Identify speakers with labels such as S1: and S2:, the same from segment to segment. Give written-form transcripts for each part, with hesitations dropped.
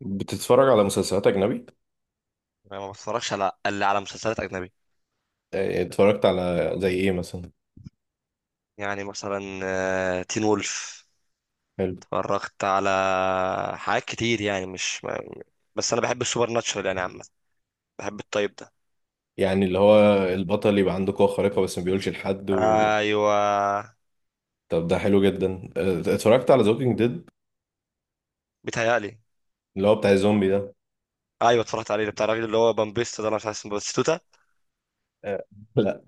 S1: بتتفرج على مسلسلات أجنبي؟
S2: أنا ما بتفرجش على الا على مسلسلات اجنبي.
S1: اتفرجت على زي إيه مثلا؟
S2: يعني مثلا تين وولف.
S1: حلو.
S2: اتفرجت على حاجات كتير يعني مش ما... بس انا بحب السوبر ناتشرال يعني عامه. بحب الطيب ده.
S1: يعني اللي هو البطل يبقى عنده قوة خارقة بس ما بيقولش لحد و...
S2: ايوه
S1: طب ده حلو جدا. اتفرجت على زوكينج ديد
S2: بيتهيألي.
S1: اللي هو بتاع الزومبي ده.
S2: ايوه اتفرجت عليه بتاع الراجل اللي هو بامبيستا ده، انا مش عارف اسمه، باتيستا،
S1: آه، لا.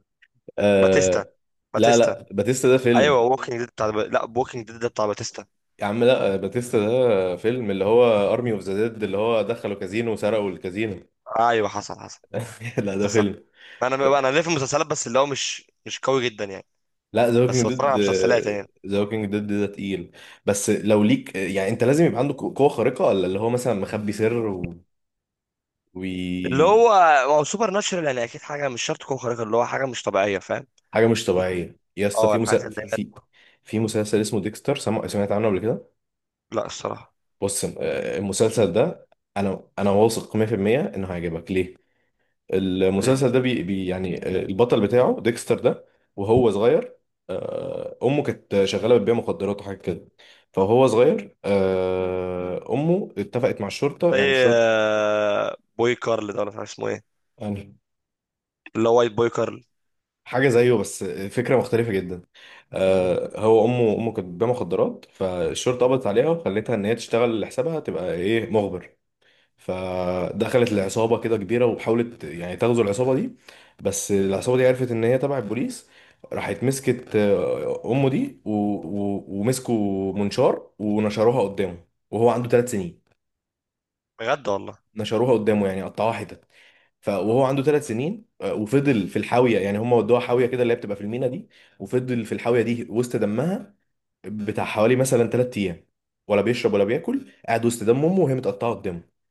S2: باتيستا،
S1: آه. لا
S2: باتيستا.
S1: لا، باتيستا ده
S2: ايوه
S1: فيلم.
S2: ووكينج ديد بتاع، لا ووكينج ديد ده بتاع باتيستا.
S1: يا عم لا، باتيستا ده فيلم اللي هو أرمي أوف ذا ديد اللي هو دخلوا كازينو وسرقوا الكازينو.
S2: ايوه، حصل حصل
S1: لا، ده
S2: حصل.
S1: فيلم.
S2: انا ليه في المسلسلات بس، اللي هو مش قوي جدا يعني.
S1: لا، ذا ووكينج
S2: بس بتفرج
S1: ديد.
S2: على مسلسلات يعني.
S1: ذا ووكينج ديد ده تقيل. بس لو ليك، يعني انت لازم يبقى عندك قوة خارقة ولا اللي هو مثلا مخبي سر و... و...
S2: اللي هو هو سوبر ناتشرال، يعني اكيد حاجه مش شرط تكون خارقه، اللي هو حاجه مش طبيعيه، فاهم.
S1: حاجة مش
S2: اللي هو-
S1: طبيعية يا اسطى،
S2: اه الحاجات اللي هي.
S1: في مسلسل اسمه ديكستر، سمعت عنه قبل كده.
S2: لا الصراحه.
S1: بص، المسلسل ده انا واثق 100% انه هيعجبك. ليه؟
S2: ليه؟
S1: المسلسل ده بي يعني البطل بتاعه ديكستر ده، وهو صغير امه كانت شغاله بتبيع مخدرات وحاجه كده. فهو صغير، امه اتفقت مع الشرطه،
S2: زي
S1: يعني الشرطه.
S2: بوي كارل ده، ولا مش عارف اسمه ايه،
S1: يعني
S2: اللي هو وايت بوي كارل.
S1: حاجه زيه بس فكره مختلفه جدا.
S2: مم.
S1: هو امه كانت بتبيع مخدرات، فالشرطه قبضت عليها وخلتها ان هي تشتغل لحسابها، تبقى ايه، مخبر.
S2: آه.
S1: فدخلت العصابة كده كبيرة وحاولت يعني تغزو العصابة دي. بس العصابة دي عرفت ان هي تبع البوليس. راحت مسكت امه دي و... و... ومسكوا منشار ونشروها قدامه وهو عنده 3 سنين.
S2: بجد والله.
S1: نشروها قدامه، يعني قطعوها حتت. وهو عنده 3 سنين، وفضل في الحاوية، يعني هم ودوها حاوية كده اللي هي بتبقى في المينا دي، وفضل في الحاوية دي وسط دمها بتاع حوالي مثلا 3 ايام، ولا بيشرب ولا بياكل، قاعد وسط دم امه وهي متقطعة قدامه.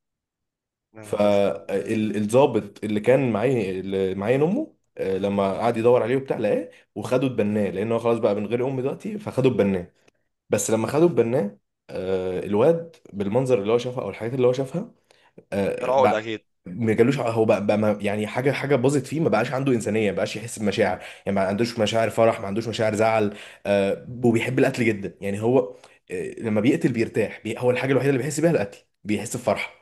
S2: يا نهار اسود.
S1: فالظابط اللي كان معايا اللي معايا امه، لما قعد يدور عليه وبتاع لقاه وخده اتبناه، لان هو خلاص بقى من غير امي دلوقتي، فخده اتبناه. بس لما خده اتبناه، الواد بالمنظر اللي هو شافها او الحاجات اللي هو شافها،
S2: كان عقد
S1: بقى
S2: اكيد.
S1: ما جالوش ع- هو بقى يعني حاجه باظت فيه، ما بقاش عنده انسانيه، ما بقاش يحس بمشاعر، يعني ما عندوش مشاعر فرح ما عندوش مشاعر زعل. وبيحب القتل جدا. يعني هو لما بيقتل بيرتاح، هو الحاجه الوحيده اللي بيحس بيها القتل، بيحس بفرحه.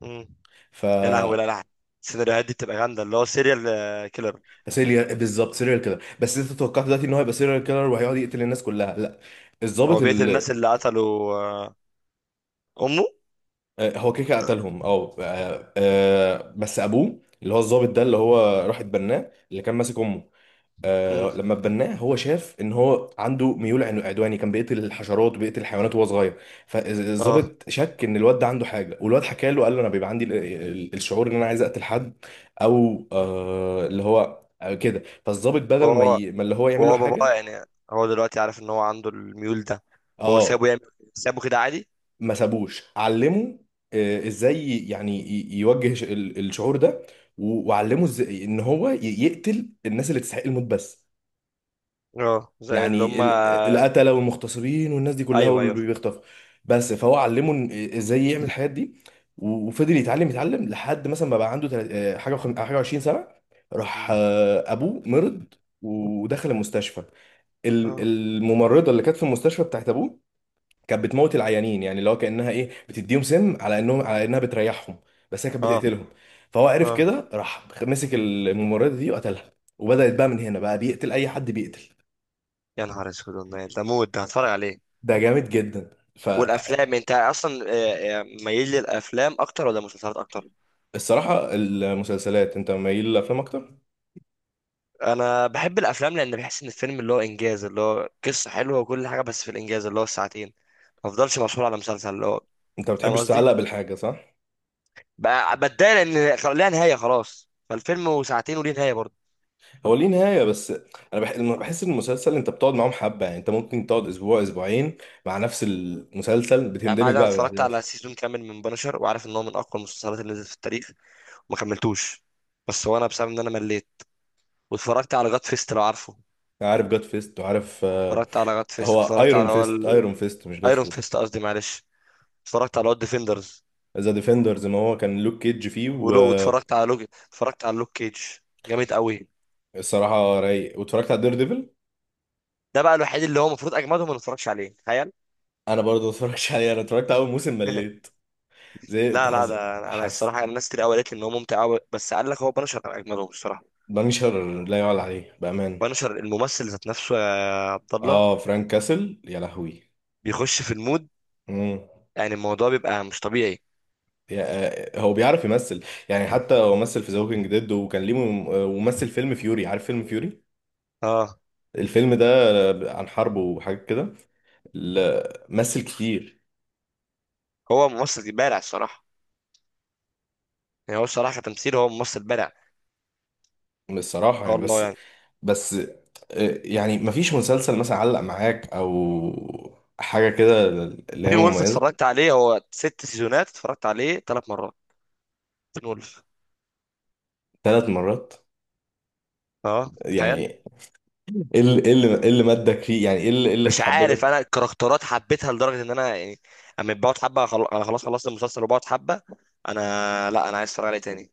S2: مم.
S1: ف
S2: يا لهوي، لا لا، السيناريوهات دي بتبقى جامده، اللي هو سيريال كيلر.
S1: سيريال بالظبط، سيريال كيلر. بس انت توقعت دلوقتي ان هو هيبقى سيريال كيلر وهيقعد يقتل الناس كلها؟ لا،
S2: هو
S1: الضابط
S2: بيقتل الناس
S1: اللي
S2: اللي قتلوا امه.
S1: هو كده كده قتلهم. اه بس ابوه اللي هو الضابط ده اللي هو راح اتبناه اللي كان ماسك امه،
S2: مم.
S1: لما اتبناه هو شاف ان هو عنده ميول عدواني، كان بيقتل الحشرات وبيقتل الحيوانات وهو صغير.
S2: اه.
S1: فالضابط شك ان الواد ده عنده حاجه، والواد حكى له قال له انا بيبقى عندي الشعور ان انا عايز اقتل حد، او اللي هو كده. فالضابط بدل ما
S2: وهو،
S1: اللي هو يعمل له
S2: وهو باباه
S1: حاجه،
S2: يعني، هو دلوقتي عارف ان هو عنده الميول ده، هو سابه
S1: اه،
S2: يعمل، سابه كده عادي؟
S1: ما سابوش، علمه ازاي يعني يوجه الشعور ده، وعلمه ازاي ان هو يقتل الناس اللي تستحق الموت بس،
S2: اه زي اللي
S1: يعني
S2: هم.
S1: القتلة والمغتصبين والناس دي كلها،
S2: ايوه
S1: واللي
S2: ايوه.
S1: بيخطفوا. بس فهو علمه إن- ازاي يعمل الحاجات دي، وفضل يتعلم يتعلم لحد مثلا ما بقى عنده تلات- آه، حاجة وخم- حاجة 20 سنة. راح
S2: مم.
S1: ابوه مرض ودخل المستشفى.
S2: اه
S1: الممرضة اللي كانت في المستشفى بتاعت ابوه كانت بتموت العيانين. يعني اللي هو كانها ايه، بتديهم سم على انهم، على انها بتريحهم، بس هي كانت
S2: اه
S1: بتقتلهم. فهو عرف
S2: اه.
S1: كده، راح مسك الممرضه دي وقتلها، وبدات بقى من هنا بقى بيقتل اي حد بيقتل.
S2: يا نهار اسود والله، ده مود، ده هتفرج عليه.
S1: ده جامد جدا.
S2: والافلام انت اصلا ميال للافلام اكتر ولا مسلسلات اكتر؟
S1: فالصراحه المسلسلات، انت مايل للافلام اكتر.
S2: انا بحب الافلام، لان بحس ان الفيلم اللي هو انجاز، اللي هو قصه حلوه وكل حاجه بس في الانجاز اللي هو الساعتين. ما افضلش مسؤول على مسلسل اللي هو،
S1: انت ما
S2: فاهم
S1: بتحبش
S2: قصدي،
S1: تتعلق بالحاجه، صح؟
S2: بتضايق لان ليها نهايه خلاص، فالفيلم وساعتين وليه نهايه برضه.
S1: هو ليه نهايه بس. انا لما بحس ان المسلسل انت بتقعد معاهم حبه، يعني انت ممكن تقعد اسبوع اسبوعين مع نفس المسلسل،
S2: يعني انا
S1: بتندمج
S2: أنا
S1: بقى
S2: اتفرجت
S1: بالاحداث.
S2: على سيزون كامل من بنشر، وعارف ان هو من اقوى المسلسلات اللي نزلت في التاريخ، ما كملتوش. بس هو انا بسبب ان انا مليت. واتفرجت على جاد فيست، لو عارفه.
S1: عارف جاد فيست، وعارف.
S2: اتفرجت على جاد فيست،
S1: هو
S2: اتفرجت
S1: ايرون
S2: على، هو
S1: فيست، ايرون فيست مش جاد
S2: ايرون
S1: فيست.
S2: فيست قصدي، معلش. اتفرجت على هو ديفندرز،
S1: ذا ديفندرز، ما هو كان لوك كيدج فيه.
S2: ولو واتفرجت على لوج، اتفرجت على لوك كيج، جامد قوي.
S1: والصراحه رايق، واتفرجت على دير ديفل.
S2: ده بقى الوحيد اللي هو المفروض اجمدهم ما نتفرجش عليه، تخيل.
S1: انا برضه ما اتفرجتش عليه، انا اتفرجت على اول موسم مليت. زي
S2: لا لا،
S1: حس.
S2: ده انا
S1: حس.
S2: الصراحه الناس كتير قوي قالت لي ان هو ممتع قوي، بس قال لك هو بنشر اجمدهم الصراحه.
S1: بنشر لا يعلى عليه بامان.
S2: بنشر الممثل ذات نفسه يا عبد الله،
S1: اه فرانك كاسل، يا لهوي.
S2: بيخش في المود،
S1: امم
S2: يعني الموضوع بيبقى مش طبيعي.
S1: يا- هو بيعرف يمثل. يعني حتى هو مثل في ذا ووكينج ديد وكان ليه ومثل فيلم فيوري، عارف فيلم فيوري؟
S2: اه
S1: الفيلم ده عن حرب وحاجات كده. لا، مثل كتير.
S2: هو ممثل بارع الصراحه. يعني هو الصراحه كتمثيل هو ممثل بارع ما
S1: الصراحة
S2: شاء
S1: يعني
S2: الله
S1: بس.
S2: يعني.
S1: بس يعني مفيش مسلسل مثلا علق معاك او حاجه كده، اللي هي
S2: تين وولف
S1: مميزه.
S2: اتفرجت عليه، هو ست سيزونات، اتفرجت عليه ثلاث مرات. تين وولف.
S1: 3 مرات؟
S2: اه
S1: يعني
S2: تخيل.
S1: ايه اللي إيه اللي إيه اللي مدك فيه، يعني ايه اللي إيه اللي
S2: مش عارف، انا
S1: حببك؟
S2: الكاركترات حبيتها لدرجه ان انا يعني، اما بقعد حبه انا خلاص خلصت المسلسل وبقعد حبه. انا، لا انا عايز اتفرج عليه تاني.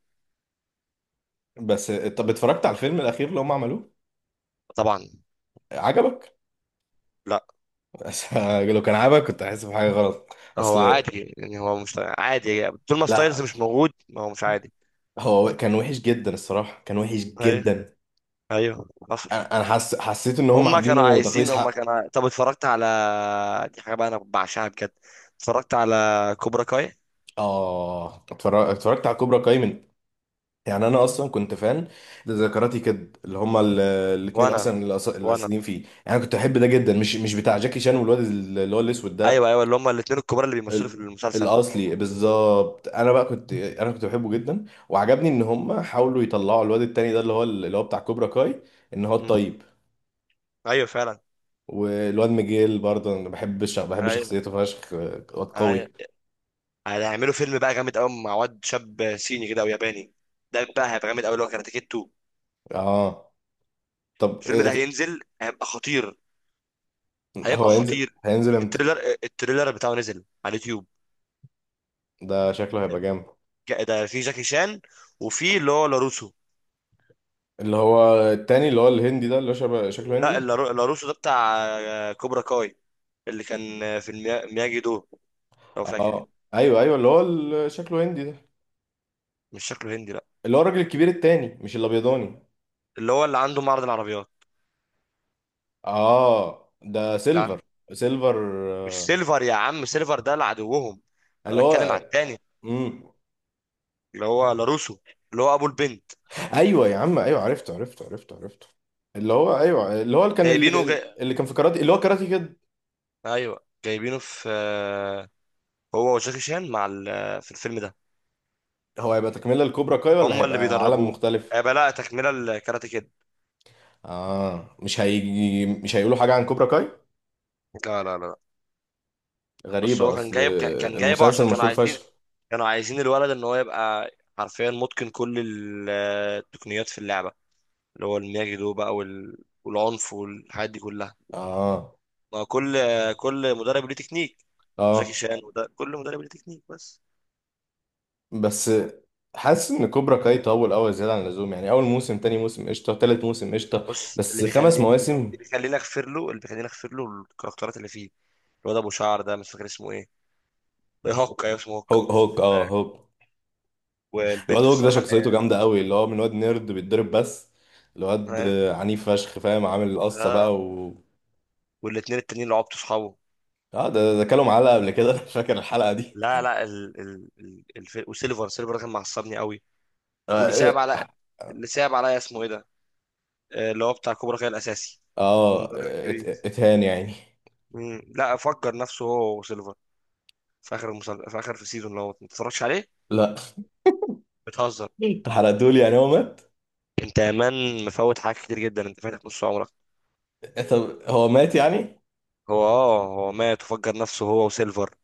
S1: بس طب اتفرجت على الفيلم الاخير اللي هم عملوه؟
S2: طبعا.
S1: عجبك؟
S2: لا،
S1: بس لو كان عجبك كنت حاسس بحاجه غلط
S2: هو
S1: اصل.
S2: عادي يعني، هو مش عادي طول ما ستايلز
S1: لا.
S2: مش موجود، ما هو مش عادي.
S1: هو كان وحش جدا الصراحه، كان وحش
S2: ايوه.
S1: جدا.
S2: ايوه حصل.
S1: انا حسيت ان هم
S2: هما كانوا
S1: عاملينه
S2: عايزين،
S1: تقليص حق.
S2: طب اتفرجت على، دي حاجه بقى انا بعشقها بجد، اتفرجت على كوبرا كاي.
S1: اه اتفرجت على كوبرا كاي من، يعني انا اصلا كنت فان لذكراتي كد اللي هما الاتنين
S2: وانا.
S1: اصلا
S2: وانا.
S1: الاساسيين فيه، يعني كنت احب ده جدا، مش مش بتاع جاكي شان والواد اللي هو الاسود ده لا.
S2: ايوه ايوه، اللي هم الاثنين الكبار اللي بيمثلوا في
S1: ال-
S2: المسلسل.
S1: الاصلي بالظبط. انا بقى كنت انا كنت بحبه جدا، وعجبني ان هما حاولوا يطلعوا الواد التاني ده اللي هو بتاع كوبرا كاي، ان هو
S2: مم.
S1: الطيب.
S2: ايوه فعلا.
S1: والواد ميجيل برضه، انا بحب بحب
S2: ايوه
S1: شخصيته فشخ. واد
S2: ايوه.
S1: قوي.
S2: هيعملوا فيلم بقى جامد قوي، مع واد شاب صيني كده او ياباني، ده بقى هيبقى جامد قوي، اللي هو كاراتيه كيد 2.
S1: اه. طب
S2: الفيلم ده هينزل هيبقى خطير،
S1: هو
S2: هيبقى
S1: هينزل
S2: خطير.
S1: هينزل امتى؟
S2: التريلر، التريلر بتاعه نزل على اليوتيوب.
S1: ده شكله هيبقى جامد.
S2: ده في جاكي شان، وفي اللي هو لاروسو.
S1: اللي هو التاني اللي هو الهندي ده اللي هو شبه شكله
S2: لا،
S1: هندي.
S2: لاروسو ده بتاع كوبرا كاي، اللي كان في مياجي دو، لو فاكر يعني.
S1: اه، ايوه ايوه اللي هو شكله هندي ده.
S2: مش شكله هندي لا.
S1: اللي هو الراجل الكبير التاني مش الابيضاني.
S2: اللي هو اللي عنده معرض العربيات.
S1: اه، ده
S2: لا
S1: سيلفر. سيلفر،
S2: مش
S1: آه،
S2: سيلفر يا عم، سيلفر ده لعدوهم. انا
S1: اللي هو.
S2: بتكلم على التاني،
S1: امم
S2: اللي هو لاروسو، اللي هو ابو البنت.
S1: ايوه يا عم، ايوه، عرفته عرفته عرفته عرفته. اللي هو ايوه، اللي هو اللي كان
S2: جايبينه جاي...
S1: اللي كان في كاراتي، اللي هو كاراتي كده.
S2: ايوه جايبينه في، هو وجاكي شان مع ال... في الفيلم ده.
S1: هو هيبقى تكمله لكوبرا كاي ولا
S2: هم اللي
S1: هيبقى عالم
S2: بيدربوه.
S1: مختلف؟
S2: هيبقى لا تكمله الكاراتيه كده.
S1: اه، مش هيجي، مش هيقولوا حاجه عن كوبرا كاي؟
S2: لا لا لا. بس
S1: غريبه
S2: هو كان
S1: اصل.
S2: جايب كان جايبه
S1: المسلسل
S2: عشان كانوا
S1: مشهور
S2: عايزين،
S1: فشخ.
S2: كانوا عايزين الولد ان هو يبقى حرفيا متقن كل التقنيات في اللعبه، اللي هو المياجي دو بقى وال... والعنف والحاجات دي كلها.
S1: اه
S2: ما كل كل مدرب ليه تكنيك، جاكي
S1: اه.
S2: شان وده، كل مدرب ليه تكنيك بس.
S1: بس حاسس ان كوبرا كاي طول قوي زياده عن اللزوم، يعني اول موسم تاني موسم قشطه، تالت موسم قشطه.
S2: بص،
S1: بس خمس
S2: اللي
S1: مواسم
S2: بيخليني اغفر له، اللي بيخليني اغفر له الكاركترات اللي فيه. الواد ابو شعر ده مش فاكر اسمه ايه، هوكا، ايوه اسمه هوكا.
S1: هوك هوك، اه هوك. الواد
S2: والبنت
S1: هوك ده
S2: الصراحه اللي
S1: شخصيته
S2: هي.
S1: جامده قوي، اللي هو من واد نيرد بيتضرب بس. الواد
S2: اه.
S1: عنيف فشخ، فاهم، عامل القصه
S2: آه.
S1: بقى و.
S2: والاتنين التانيين اللي عبطوا صحابه.
S1: اه. ده ده كلوا معلقه قبل كده. انا فاكر الحلقه دي.
S2: لا لا، وسيلفر، سيلفر ده كان معصبني قوي. واللي
S1: اه
S2: صعب
S1: اه
S2: على اللي صعب عليا اسمه ايه ده، اللي هو بتاع كوبرا كاي الاساسي،
S1: آه،
S2: المدرب الكبير.
S1: اتهان يعني؟
S2: مم. لا فجر نفسه هو وسيلفر، في في اخر، في السيزون اللي هو ما تتفرجش عليه.
S1: لا
S2: بتهزر؟
S1: حرقتولي، يعني هو مات؟
S2: انت يا مان مفوت حاجات كتير جدا، انت فاتك نص عمرك.
S1: طب هو مات يعني؟
S2: هو اه، هو مات وفجر نفسه هو وسيلفر.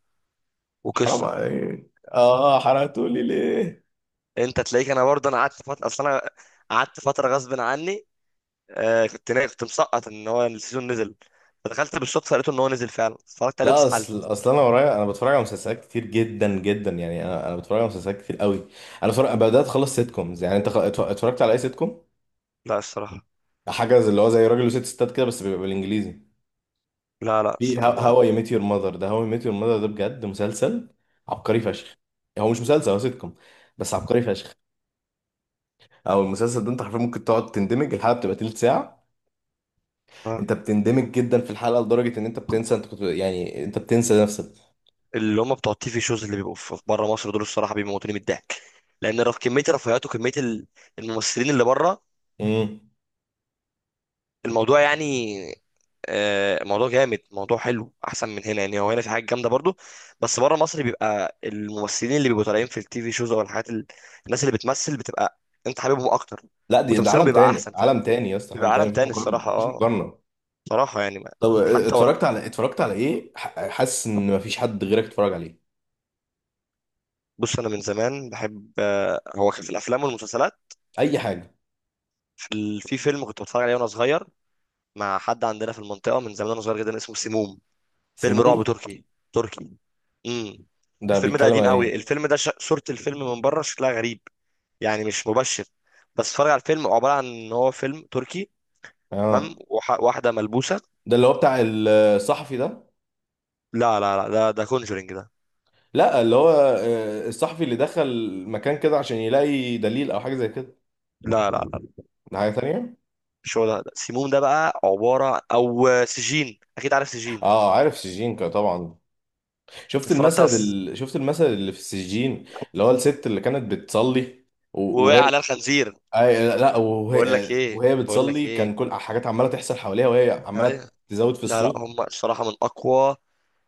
S1: حرام
S2: وقصه.
S1: عليك، اه حرقتولي ليه؟
S2: انت تلاقيك، انا برضه انا قعدت فتره اصل انا، قعدت فتره غصب عني. آه كنت كنت مسقط ان هو السيزون نزل، فدخلت بالصدفه لقيته ان هو نزل فعلا، اتفرجت عليه
S1: لا،
S2: واتسحلت.
S1: اصل اصل انا ورايا، انا بتفرج على مسلسلات كتير جدا جدا. يعني انا بتفرج على مسلسلات كتير قوي. انا بتفرج، بدات اخلص سيت كومز. يعني انت اتفرجت على اي سيت كوم؟
S2: لا الصراحه.
S1: حاجه زي اللي هو زي راجل وست ستات كده، بس بيبقى بالانجليزي.
S2: لا لا
S1: في
S2: الصراحه ما.
S1: هاو اي ميت يور ماذر. ده هاو اي ميت يور ماذر ده بجد مسلسل عبقري فشخ. هو مش مسلسل، هو سيت كوم، بس عبقري فشخ. او المسلسل ده انت حرفيا ممكن تقعد تندمج، الحلقه بتبقى تلت ساعه،
S2: آه.
S1: انت بتندمج جدا في الحلقه لدرجه ان انت بتنسى انت كنت، يعني انت بتنسى نفسك.
S2: اللي هم بتوع التيفي شوز اللي بيبقوا في بره مصر دول الصراحه بيموتوني من الضحك، لان كميه الرفاهيات وكميه الممثلين اللي بره
S1: امم
S2: الموضوع يعني، موضوع جامد موضوع حلو احسن من هنا، يعني هو هنا في حاجات جامده برضو، بس بره مصر بيبقى الممثلين اللي بيبقوا طالعين في التي في شوز او الحاجات الناس اللي بتمثل بتبقى انت حاببهم اكتر،
S1: لا دي ده
S2: وتمثيلهم
S1: عالم
S2: بيبقى
S1: تاني،
S2: احسن فاهم.
S1: عالم تاني يا اسطى، عالم
S2: بيبقى عالم
S1: تاني، مفيش
S2: تاني
S1: مقارنه،
S2: الصراحه
S1: مفيش
S2: اه.
S1: مقارنه.
S2: صراحه يعني
S1: طب اه،
S2: حتى ورق.
S1: اتفرجت على ايه؟ حاسس ان مفيش حد غيرك اتفرج عليه.
S2: بص انا من زمان بحب، هو كان في الافلام والمسلسلات.
S1: اي حاجه.
S2: في في فيلم كنت بتفرج عليه وانا صغير، مع حد عندنا في المنطقه من زمان وانا صغير جدا اسمه سموم. فيلم رعب
S1: سيموم
S2: تركي. تركي. امم.
S1: ده
S2: الفيلم ده
S1: بيتكلم
S2: قديم
S1: عن
S2: قوي،
S1: ايه؟
S2: الفيلم ده صورة الفيلم من بره شكلها غريب، يعني مش مبشر. بس اتفرج على الفيلم، عباره عن ان هو فيلم تركي.
S1: اه
S2: واحده ملبوسه.
S1: ده اللي هو بتاع الصحفي ده.
S2: لا لا لا، ده ده كونجرينج ده.
S1: لا اللي هو، اه، الصحفي اللي دخل مكان كده عشان يلاقي دليل او حاجه زي كده.
S2: لا لا لا،
S1: ده حاجه تانية.
S2: مش هو، ده سيموم، ده بقى عباره، او سجين، اكيد عارف سجين.
S1: اه، عارف سجين طبعا. شفت
S2: اتفرجت على
S1: المشهد
S2: الس-
S1: اللي في السجين، اللي هو الست اللي كانت بتصلي و-
S2: ووقع
S1: وهي.
S2: على الخنزير.
S1: أي لا،
S2: بقول لك ايه،
S1: وهي
S2: بقول لك
S1: بتصلي،
S2: ايه،
S1: كان كل حاجات عماله تحصل حواليها وهي عماله
S2: أيوة.
S1: تزود في
S2: لا لا،
S1: الصوت.
S2: هم الصراحه من اقوى،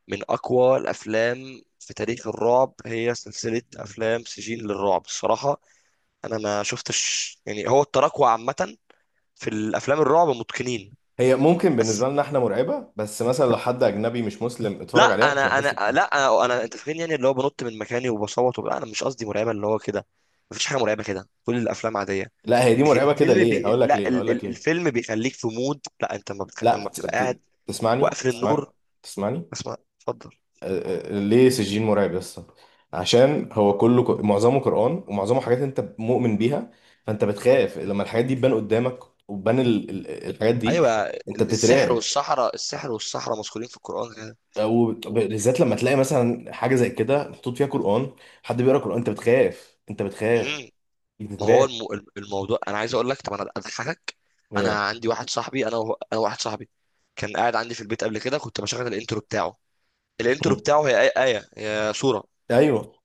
S2: من اقوى الافلام في تاريخ الرعب، هي سلسله افلام سجين للرعب الصراحه. انا ما شفتش يعني هو التراكوة عامه في الافلام الرعب متقنين.
S1: هي ممكن
S2: بس.
S1: بالنسبه لنا احنا مرعبه، بس مثلا لو حد اجنبي مش مسلم
S2: لا،
S1: اتفرج عليها مش
S2: انا
S1: هيحس
S2: انا
S1: بحاجه.
S2: لا انا, أنا انت فاهمني يعني، اللي هو بنط من مكاني وبصوت وبتاع، انا مش قصدي مرعبه اللي هو كده، مفيش حاجه مرعبه كده، كل الافلام عاديه.
S1: لا، هي دي
S2: لكن
S1: مرعبه كده،
S2: الفيلم
S1: ليه؟ هقول
S2: بي...
S1: لك
S2: لا
S1: ليه، هقول
S2: ال...
S1: لك
S2: ال...
S1: ليه.
S2: الفيلم بيخليك في مود، لا انت ما بتخ...
S1: لا
S2: اما بتبقى قاعد
S1: تسمعني،
S2: واقفل
S1: تسمعني،
S2: النور.
S1: تسمعني.
S2: اسمع اتفضل.
S1: أه، أه، ليه سجين مرعب يا اسطى؟ عشان هو كله معظمه قران، ومعظمه حاجات انت مؤمن بيها، فانت بتخاف لما الحاجات دي تبان قدامك، وتبان الحاجات دي،
S2: ايوه
S1: انت
S2: السحر
S1: بتترعب،
S2: والصحراء، السحر والصحراء مذكورين في القران كده.
S1: وبالذات بالذات لما تلاقي مثلا حاجه زي كده محطوط فيها قران، حد بيقرا قران، انت بتخاف، انت
S2: امم.
S1: بتخاف،
S2: ما هو
S1: بتترعب.
S2: الموضوع انا عايز اقول لك، طب انا اضحكك. انا
S1: ايه؟
S2: عندي واحد صاحبي، انا و... انا واحد صاحبي كان قاعد عندي في البيت قبل كده، كنت بشغل الانترو بتاعه. الانترو
S1: مم.
S2: بتاعه هي آية، آية هي صورة.
S1: ايوه.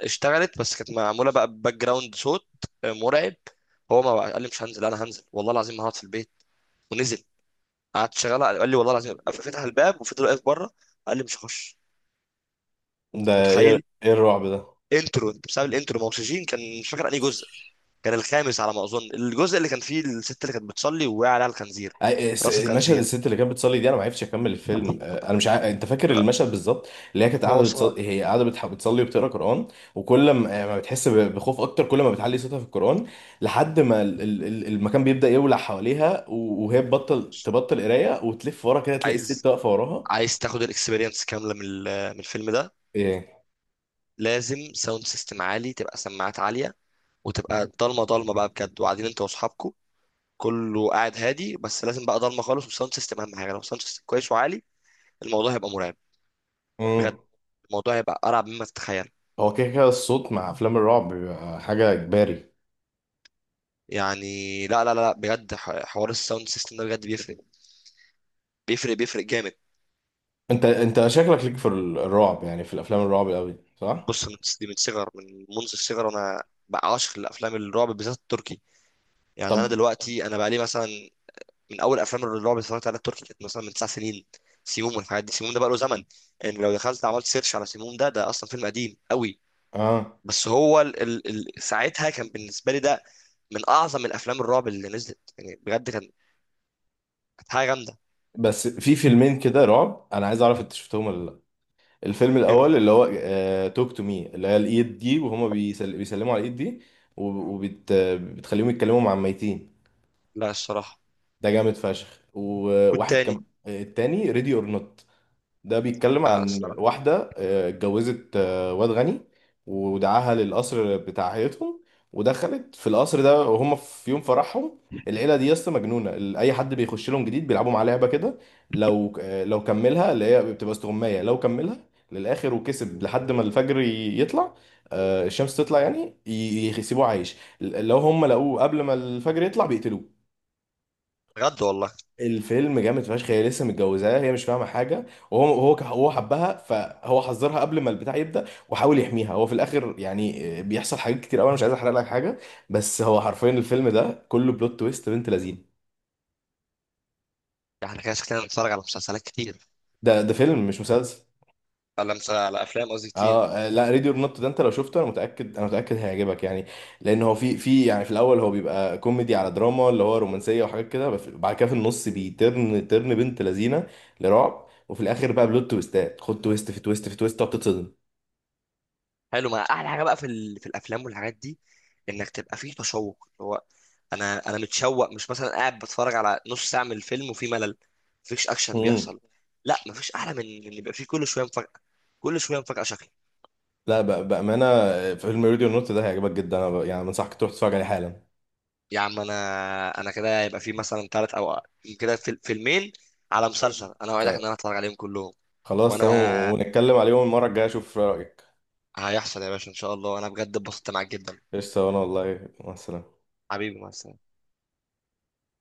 S2: اشتغلت، بس كانت معمولة بقى باك جراوند صوت مرعب. هو ما بقى- قال لي مش هنزل، انا هنزل والله العظيم ما هقعد في البيت. ونزل. قعدت شغالة. قال لي والله العظيم، فتح الباب وفضل واقف بره. قال لي مش هخش.
S1: ده
S2: أنت
S1: ايه،
S2: متخيل؟
S1: ايه الرعب ده؟
S2: انترو، انت بسبب الانترو ما اكسجين. كان مش فاكر انهي جزء، كان الخامس على ما اظن، الجزء اللي كان فيه الست اللي كانت بتصلي ووقع عليها الخنزير. راس
S1: مشهد
S2: الخنزير.
S1: الست اللي كانت بتصلي دي، انا ما عرفتش اكمل الفيلم، انا مش عارف، انت فاكر
S2: لا
S1: المشهد بالظبط؟ اللي هي كانت
S2: هو
S1: قاعده
S2: صعب.
S1: بتصلي، هي قاعده بتصلي وبتقرا قران، وكل ما بتحس بخوف اكتر، كل ما بتعلي صوتها في القران، لحد ما المكان بيبدا يولع حواليها، وهي تبطل، تبطل قرايه وتلف ورا كده، تلاقي
S2: عايز،
S1: الست واقفه وراها.
S2: عايز تاخد الاكسبيرينس كامله من من الفيلم ده،
S1: إيه؟
S2: لازم ساوند سيستم عالي، تبقى سماعات عالية، وتبقى ضلمة، ضلمة بقى بجد، وقاعدين انت واصحابكم، كله قاعد هادي، بس لازم بقى ضلمة خالص، والساوند سيستم اهم حاجة، لو الساوند سيستم كويس وعالي الموضوع هيبقى مرعب
S1: مم.
S2: بجد. الموضوع هيبقى ارعب مما تتخيل.
S1: هو كده كده الصوت مع افلام الرعب بيبقى حاجه اجباري.
S2: يعني لا، بجد حوار الساوند سيستم ده بجد بيفرق، بيفرق، بيفرق جامد.
S1: انت شكلك ليك في الرعب، يعني في الافلام الرعب قوي صح؟
S2: بص من دي، من صغر من منذ الصغر وانا بقى عاشق لافلام الرعب، بالذات التركي. يعني انا
S1: طب
S2: دلوقتي بقى لي مثلا، من اول افلام الرعب اللي اتفرجت عليها التركي كانت مثلا من تسع سنين. سيموم والحاجات دي، سيموم ده بقى له زمن. يعني لو دخلت عملت سيرش على سيموم ده، ده اصلا فيلم قديم قوي.
S1: اه،
S2: بس هو ال ال ال ساعتها كان بالنسبه لي ده من اعظم الافلام الرعب اللي نزلت، يعني بجد كان، كانت حاجه جامده.
S1: بس في فيلمين كده رعب، انا عايز اعرف انت شفتهم ولا لا. الفيلم
S2: ايه
S1: الاول
S2: هم؟
S1: اللي هو توك تو مي، اللي هي الايد دي وهما بيسلموا على الايد دي وبتخليهم بتخليهم يتكلموا مع الميتين.
S2: لا الصراحه.
S1: ده جامد فشخ. وواحد
S2: والتاني
S1: كم التاني ريدي اور نوت، ده بيتكلم
S2: لا
S1: عن
S2: الصراحه.
S1: واحدة اتجوزت واد غني، ودعاها للقصر بتاع عيلتهم، ودخلت في القصر ده وهم في يوم فرحهم. العيلة دي يا اسطى مجنونة. أي حد بيخش لهم جديد بيلعبوا معاه لعبة كده، لو لو كملها اللي هي بتبقى استغماية، لو كملها للآخر وكسب لحد ما الفجر يطلع، الشمس تطلع، يعني يسيبوه عايش. لو هم لقوه قبل ما الفجر يطلع بيقتلوه.
S2: بجد والله.
S1: الفيلم جامد فشخ. هي لسه متجوزاه، هي مش فاهمه حاجه، وهو هو هو حبها فهو حذرها قبل ما البتاع يبدا وحاول يحميها. هو في الاخر يعني بيحصل حاجات كتير قوي، انا مش عايز احرق لك حاجه، بس هو حرفيا الفيلم ده كله بلوت تويست بنت لذينه.
S2: احنا كده شكلنا بنتفرج على مسلسلات كتير،
S1: ده فيلم مش مسلسل.
S2: على افلام قصدي
S1: اه
S2: كتير.
S1: لا ريدي اور نوت ده انت لو شفته انا متاكد، انا متاكد هيعجبك يعني، لان هو في، يعني في الاول هو بيبقى كوميدي على دراما اللي هو رومانسيه وحاجات كده، بس بعد كده في النص ترن بنت لذينه لرعب، وفي الاخر بقى بلوت تويستات، خد تويست في تويست في تويست، تقعد تتصدم.
S2: حلو. ما احلى حاجه بقى في ال... في الافلام والحاجات دي، انك تبقى فيه تشوق، اللي هو انا متشوق، مش مثلا قاعد بتفرج على نص ساعه من الفيلم وفي ملل، مفيش اكشن
S1: مم.
S2: بيحصل. لا مفيش احلى من ان يبقى فيه كل شويه مفاجاه، كل شويه مفاجاه شكل.
S1: لا بأمانة فيلم راديو نوت ده هيعجبك جدا، أنا يعني بنصحك تروح تتفرج عليه حالا.
S2: يا عم انا، انا كده يبقى فيه مثلا ثلاث او كده فيلمين على
S1: مم.
S2: مسلسل، انا اوعدك
S1: آه.
S2: ان انا اتفرج عليهم كلهم.
S1: خلاص تمام،
S2: وانا
S1: ونتكلم عليهم المرة الجاية، أشوف رأيك.
S2: هيحصل يا باشا، ان شاء الله، انا بجد اتبسطت معاك جدا.
S1: قشطة، وأنا والله مع السلامة.
S2: حبيبي مثلا.